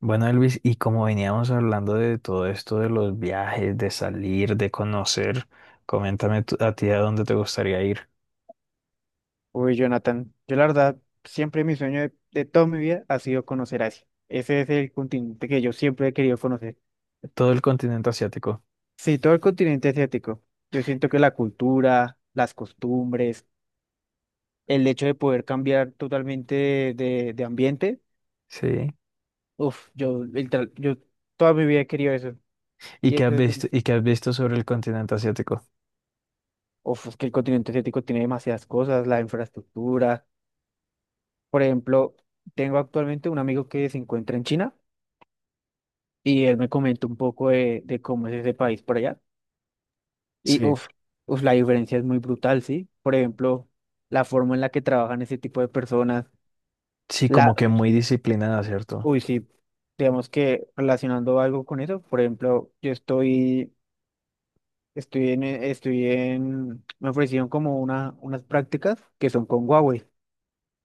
Bueno, Elvis, y como veníamos hablando de todo esto de los viajes, de salir, de conocer, coméntame a ti a dónde te gustaría ir. Uy, Jonathan, yo la verdad, siempre mi sueño de toda mi vida ha sido conocer Asia. Ese es el continente que yo siempre he querido conocer. Todo el continente asiático. Sí, todo el continente asiático. Yo siento que la cultura, las costumbres, el hecho de poder cambiar totalmente de ambiente, Sí. Yo, yo toda mi vida he querido eso. ¿Y Y qué eso, has visto, y qué has visto sobre el continente asiático? Es que el continente asiático tiene demasiadas cosas, la infraestructura. Por ejemplo, tengo actualmente un amigo que se encuentra en China, y él me comentó un poco de cómo es ese país por allá. Y Sí. La diferencia es muy brutal, ¿sí? Por ejemplo, la forma en la que trabajan ese tipo de personas, Sí, como la, que muy disciplinada, ¿cierto? Sí, digamos que relacionando algo con eso, por ejemplo, yo estoy, estoy en, estoy en, me ofrecieron como unas prácticas que son con Huawei.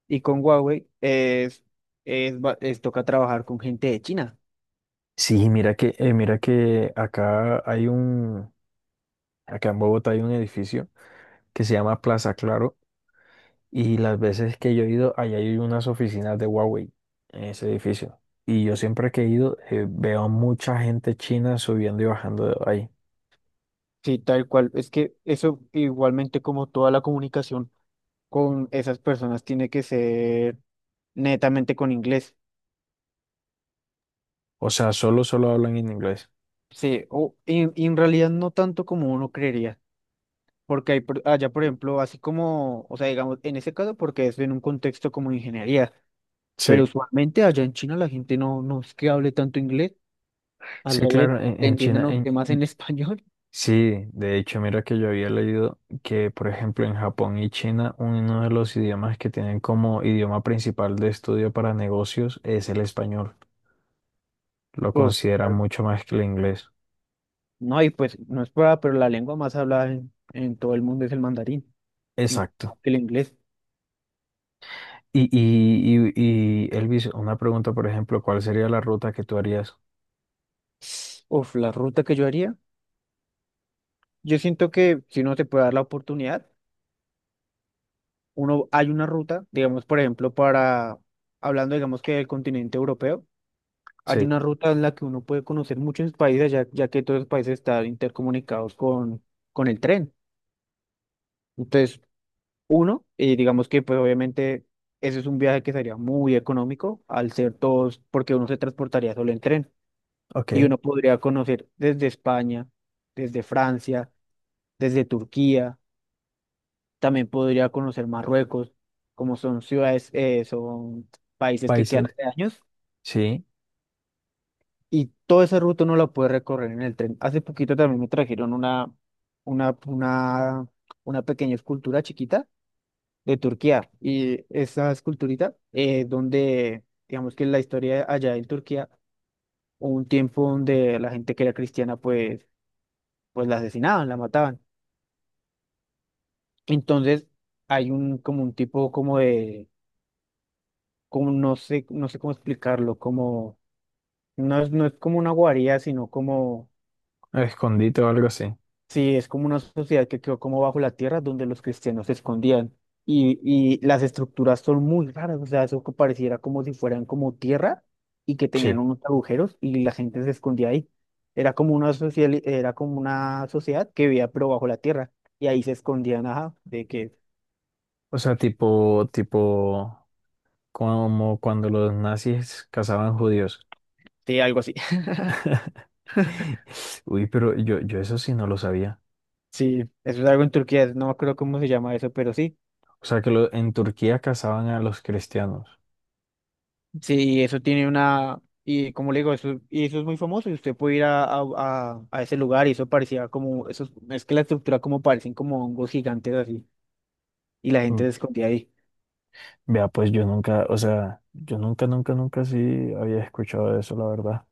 Y con Huawei es toca trabajar con gente de China. Sí, mira que acá en Bogotá hay un edificio que se llama Plaza Claro. Y las veces que yo he ido, allá hay unas oficinas de Huawei en ese edificio. Y yo siempre que he ido, veo a mucha gente china subiendo y bajando de ahí. Sí, tal cual. Es que eso igualmente como toda la comunicación con esas personas tiene que ser netamente con inglés. O sea, solo hablan en inglés. Sí, o en realidad no tanto como uno creería, porque allá, por ejemplo, así como, o sea, digamos, en ese caso, porque es en un contexto como ingeniería, pero Sí. usualmente allá en China la gente no es que hable tanto inglés, al Sí, revés, claro, en, te en entienden China, a en... usted más en español. Sí, de hecho, mira que yo había leído que, por ejemplo, en Japón y China, uno de los idiomas que tienen como idioma principal de estudio para negocios es el español. Lo Uf, consideran claro. mucho más que el inglés. No, y pues no es prueba, pero la lengua más hablada en todo el mundo es el mandarín, y Exacto. el inglés. Y, Elvis, una pregunta, por ejemplo, ¿cuál sería la ruta que tú harías? Uf, la ruta que yo haría. Yo siento que si uno se puede dar la oportunidad, uno hay una ruta, digamos, por ejemplo, para, hablando, digamos, que del continente europeo, hay Sí, una ruta en la que uno puede conocer muchos países, ya que todos los países están intercomunicados con el tren. Entonces, uno, y digamos que, pues obviamente, ese es un viaje que sería muy económico al ser todos, porque uno se transportaría solo en tren, ok. y uno podría conocer desde España, desde Francia, desde Turquía. También podría conocer Marruecos, como son ciudades, son países que quedan Países. hace años Sí, y toda esa ruta no la puede recorrer en el tren. Hace poquito también me trajeron una, una, una pequeña escultura chiquita de Turquía y esa esculturita donde, digamos que la historia allá en Turquía, hubo un tiempo donde la gente que era cristiana pues la asesinaban, la mataban. Entonces hay un como un tipo como de como no sé, no sé cómo explicarlo, como no es como una guarida, sino como, escondite o algo así. sí, es como una sociedad que quedó como bajo la tierra donde los cristianos se escondían. Y las estructuras son muy raras, o sea, eso que pareciera como si fueran como tierra y que tenían Sí. unos agujeros y la gente se escondía ahí. Era como una sociedad que vivía pero bajo la tierra y ahí se escondían, ajá, de que, O sea, tipo, como cuando los nazis cazaban judíos. de algo así. Uy, pero yo eso sí no lo sabía. Sí, eso es algo en Turquía, no me acuerdo cómo se llama eso, pero sí. O sea, que en Turquía cazaban a los cristianos. Sí, eso tiene una, y como le digo, eso, y eso es muy famoso, y usted puede ir a ese lugar, y eso parecía como, eso, es que la estructura como parecen como hongos gigantes así, y la gente Mm. se escondía ahí. Vea, pues yo nunca, o sea, yo nunca, nunca, nunca sí había escuchado de eso, la verdad.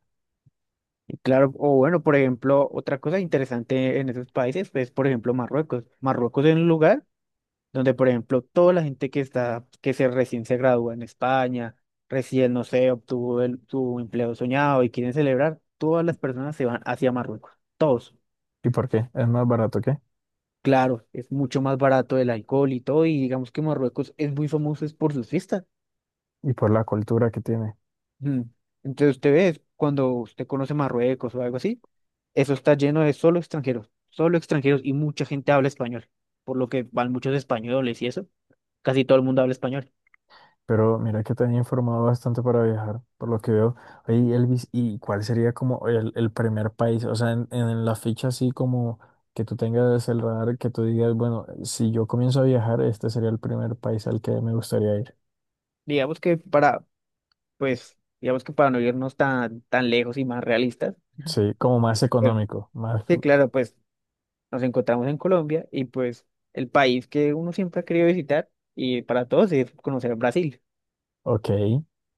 Y claro, o bueno, por ejemplo, otra cosa interesante en esos países es, por ejemplo, Marruecos. Marruecos es un lugar donde, por ejemplo, toda la gente que se recién se gradúa en España, recién, no sé, obtuvo su empleo soñado y quieren celebrar, todas las personas se van hacia Marruecos, todos. ¿Y por qué? ¿Es más barato que? Claro, es mucho más barato el alcohol y todo, y digamos que Marruecos es muy famoso es por sus fiestas. Y por la cultura que tiene. Mm. Entonces usted ve, cuando usted conoce Marruecos o algo así, eso está lleno de solo extranjeros y mucha gente habla español, por lo que van muchos españoles y eso, casi todo el mundo habla español. Pero mira que te han informado bastante para viajar, por lo que veo. Oye, Elvis, ¿y cuál sería como el primer país? O sea, en la ficha así como que tú tengas el radar, que tú digas, bueno, si yo comienzo a viajar, este sería el primer país al que me gustaría ir. Digamos que para, pues, digamos que para no irnos tan lejos y más realistas, Sí, como más eh, económico, más. sí, claro, pues nos encontramos en Colombia y pues el país que uno siempre ha querido visitar y para todos es conocer Brasil, Ok,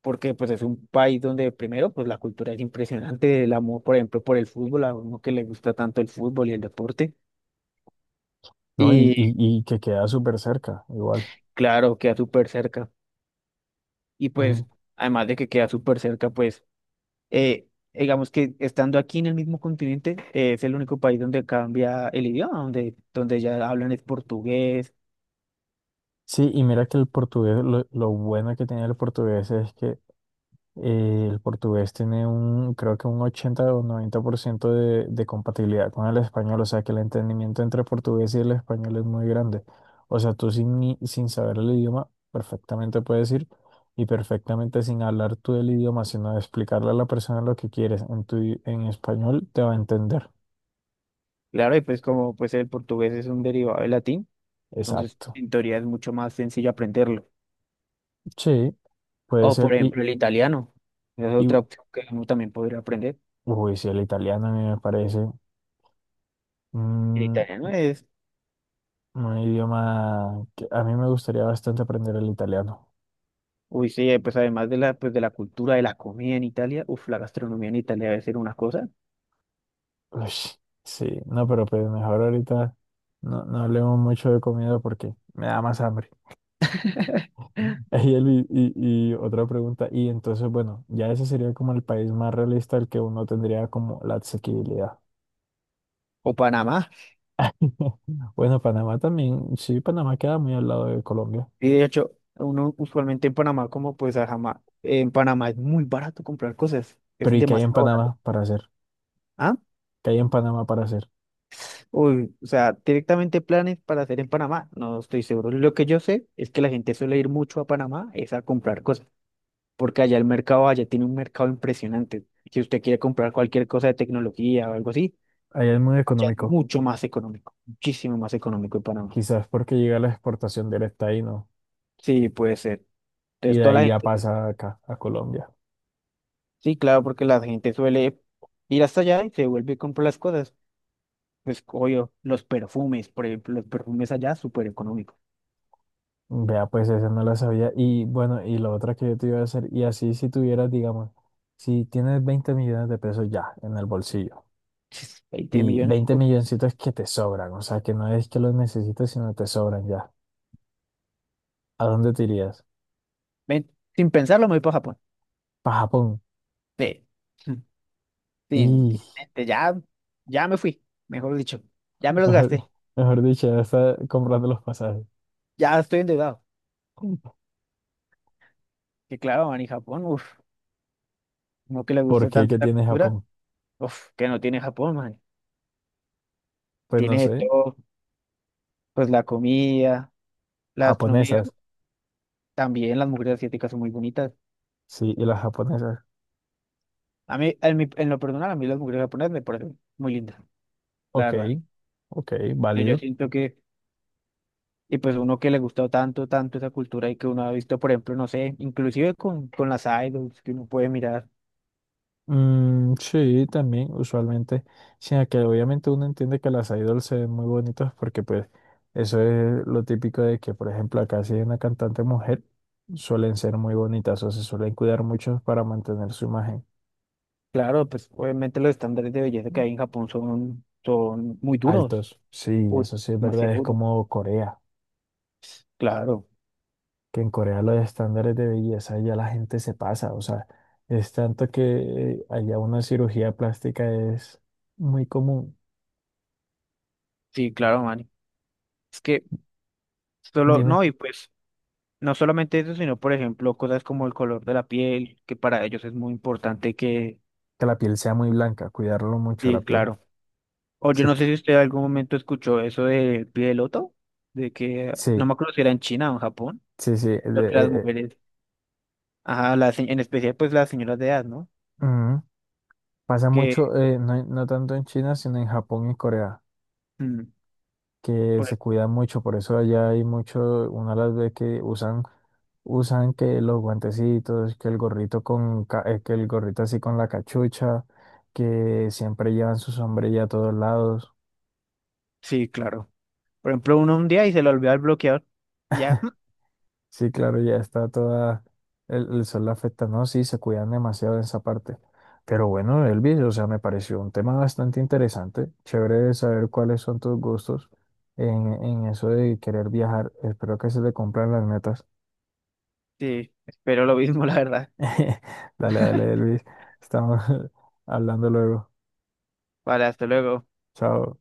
porque pues es un país donde primero pues la cultura es impresionante, el amor por ejemplo por el fútbol, a uno que le gusta tanto el fútbol y el deporte ¿no? Y, y, y y que queda súper cerca, igual. claro, queda súper cerca y pues Ujú. además de que queda súper cerca pues eh, digamos que estando aquí en el mismo continente es el único país donde cambia el idioma, donde ya hablan es portugués. Sí, y mira que el portugués, lo bueno que tiene el portugués es que el portugués tiene creo que un 80 o 90% de compatibilidad con el español, o sea que el entendimiento entre el portugués y el español es muy grande. O sea, tú sin, sin saber el idioma, perfectamente puedes ir y perfectamente sin hablar tú el idioma, sino de explicarle a la persona lo que quieres en en español, te va a entender. Claro, y pues como pues el portugués es un derivado del latín. Entonces, Exacto. en teoría es mucho más sencillo aprenderlo. Sí, puede O, ser. por Y, ejemplo, el italiano. Esa es y otra opción que uno también podría aprender. uy, sí, el italiano a mí me parece El mm, italiano es, un idioma que a mí me gustaría bastante aprender el italiano. uy, sí, pues además de pues de la cultura, de la comida en Italia, uf, la gastronomía en Italia debe ser una cosa. Uy, sí, no, pero pues mejor ahorita no hablemos mucho de comida porque me da más hambre. Ey, Elvi, y, otra pregunta, y entonces, bueno, ya ese sería como el país más realista al que uno tendría como la asequibilidad. O Panamá. Bueno, Panamá también, sí, Panamá queda muy al lado de Colombia, Y de hecho, uno usualmente en Panamá, como pues a en Panamá es muy barato comprar cosas. pero Es ¿y qué hay en demasiado barato. Panamá para hacer? ¿Ah? ¿Qué hay en Panamá para hacer? Uy, o sea, directamente planes para hacer en Panamá. No estoy seguro. Lo que yo sé es que la gente suele ir mucho a Panamá es a comprar cosas, porque allá tiene un mercado impresionante. Si usted quiere comprar cualquier cosa de tecnología o algo así, Allá es muy allá es económico, mucho más económico, muchísimo más económico en Panamá. quizás porque llega la exportación directa ahí, ¿no? Sí, puede ser. Y Entonces, de toda la ahí ya gente, pasa acá, a Colombia. sí, claro, porque la gente suele ir hasta allá y se vuelve y compra las cosas. Pues, obvio, los perfumes, por ejemplo, los perfumes allá, súper económicos. Vea, pues esa no la sabía. Y bueno, y la otra que yo te iba a hacer, y así si tuvieras, digamos, si tienes 20 millones de pesos ya en el bolsillo, 20 y millones. 20 milloncitos que te sobran, o sea, que no es que los necesites, sino que te sobran ya, ¿a dónde te irías? Ven, sin pensarlo, me voy para Japón. Para Japón. Ve, sin Y mente, ya, ya me fui, mejor dicho, ya me los gasté, mejor, mejor dicho, ya está comprando los pasajes. ya estoy endeudado. Que claro, man, y Japón, uno que le ¿Por gusta qué? tanto ¿Qué la tiene cultura, Japón? uff, que no tiene Japón, man. Pues no Tiene de sé, todo, pues la comida, la gastronomía, japonesas, también las mujeres asiáticas son muy bonitas. sí, y las japonesas. A mí, en lo personal, a mí las mujeres japonesas me parecen muy lindas, la Ok, verdad. ok, Yo válido. siento que, y pues uno que le gustó tanto, tanto esa cultura y que uno ha visto, por ejemplo, no sé, inclusive con las idols que uno puede mirar. Mm, sí, también, usualmente, sino que obviamente uno entiende que las idols se ven muy bonitas porque pues eso es lo típico de que, por ejemplo, acá si hay una cantante mujer, suelen ser muy bonitas o se suelen cuidar mucho para mantener su imagen. Claro, pues obviamente los estándares de belleza que hay en Japón son, son muy duros, Altos, sí, uy, eso sí es verdad, demasiado es duros, como Corea, claro. que en Corea los estándares de belleza ya la gente se pasa, o sea, es tanto que allá una cirugía plástica es muy común. Sí, claro, man. Es que solo, Dime, no, y pues no solamente eso, sino por ejemplo cosas como el color de la piel, que para ellos es muy importante que, que la piel sea muy blanca, cuidarlo mucho la sí, piel. claro. O yo Sí, no sé si usted en algún momento escuchó eso del pie de loto, de que, no sí, me acuerdo si era en China o en Japón, sí, sí, pero que las mujeres, ajá, en especial pues las señoras de edad, ¿no? eh, ujú. Pasa Que, mucho, no, no tanto en China, sino en Japón y Corea, mm, que se por- cuidan mucho, por eso allá hay mucho, una de las veces que usan, que los guantecitos, que el gorrito así con la cachucha, que siempre llevan su sombrilla a todos lados. sí, claro. Por ejemplo, uno un día y se le olvidó el bloqueador, y ya, Sí, claro, ya está toda, el sol la afecta, ¿no? Sí, se cuidan demasiado en esa parte. Pero bueno, Elvis, o sea, me pareció un tema bastante interesante, chévere saber cuáles son tus gustos en eso de querer viajar. Espero que se te cumplan las metas. sí, espero lo mismo, la verdad. Dale, dale, Elvis, estamos hablando luego. Vale, hasta luego. Chao.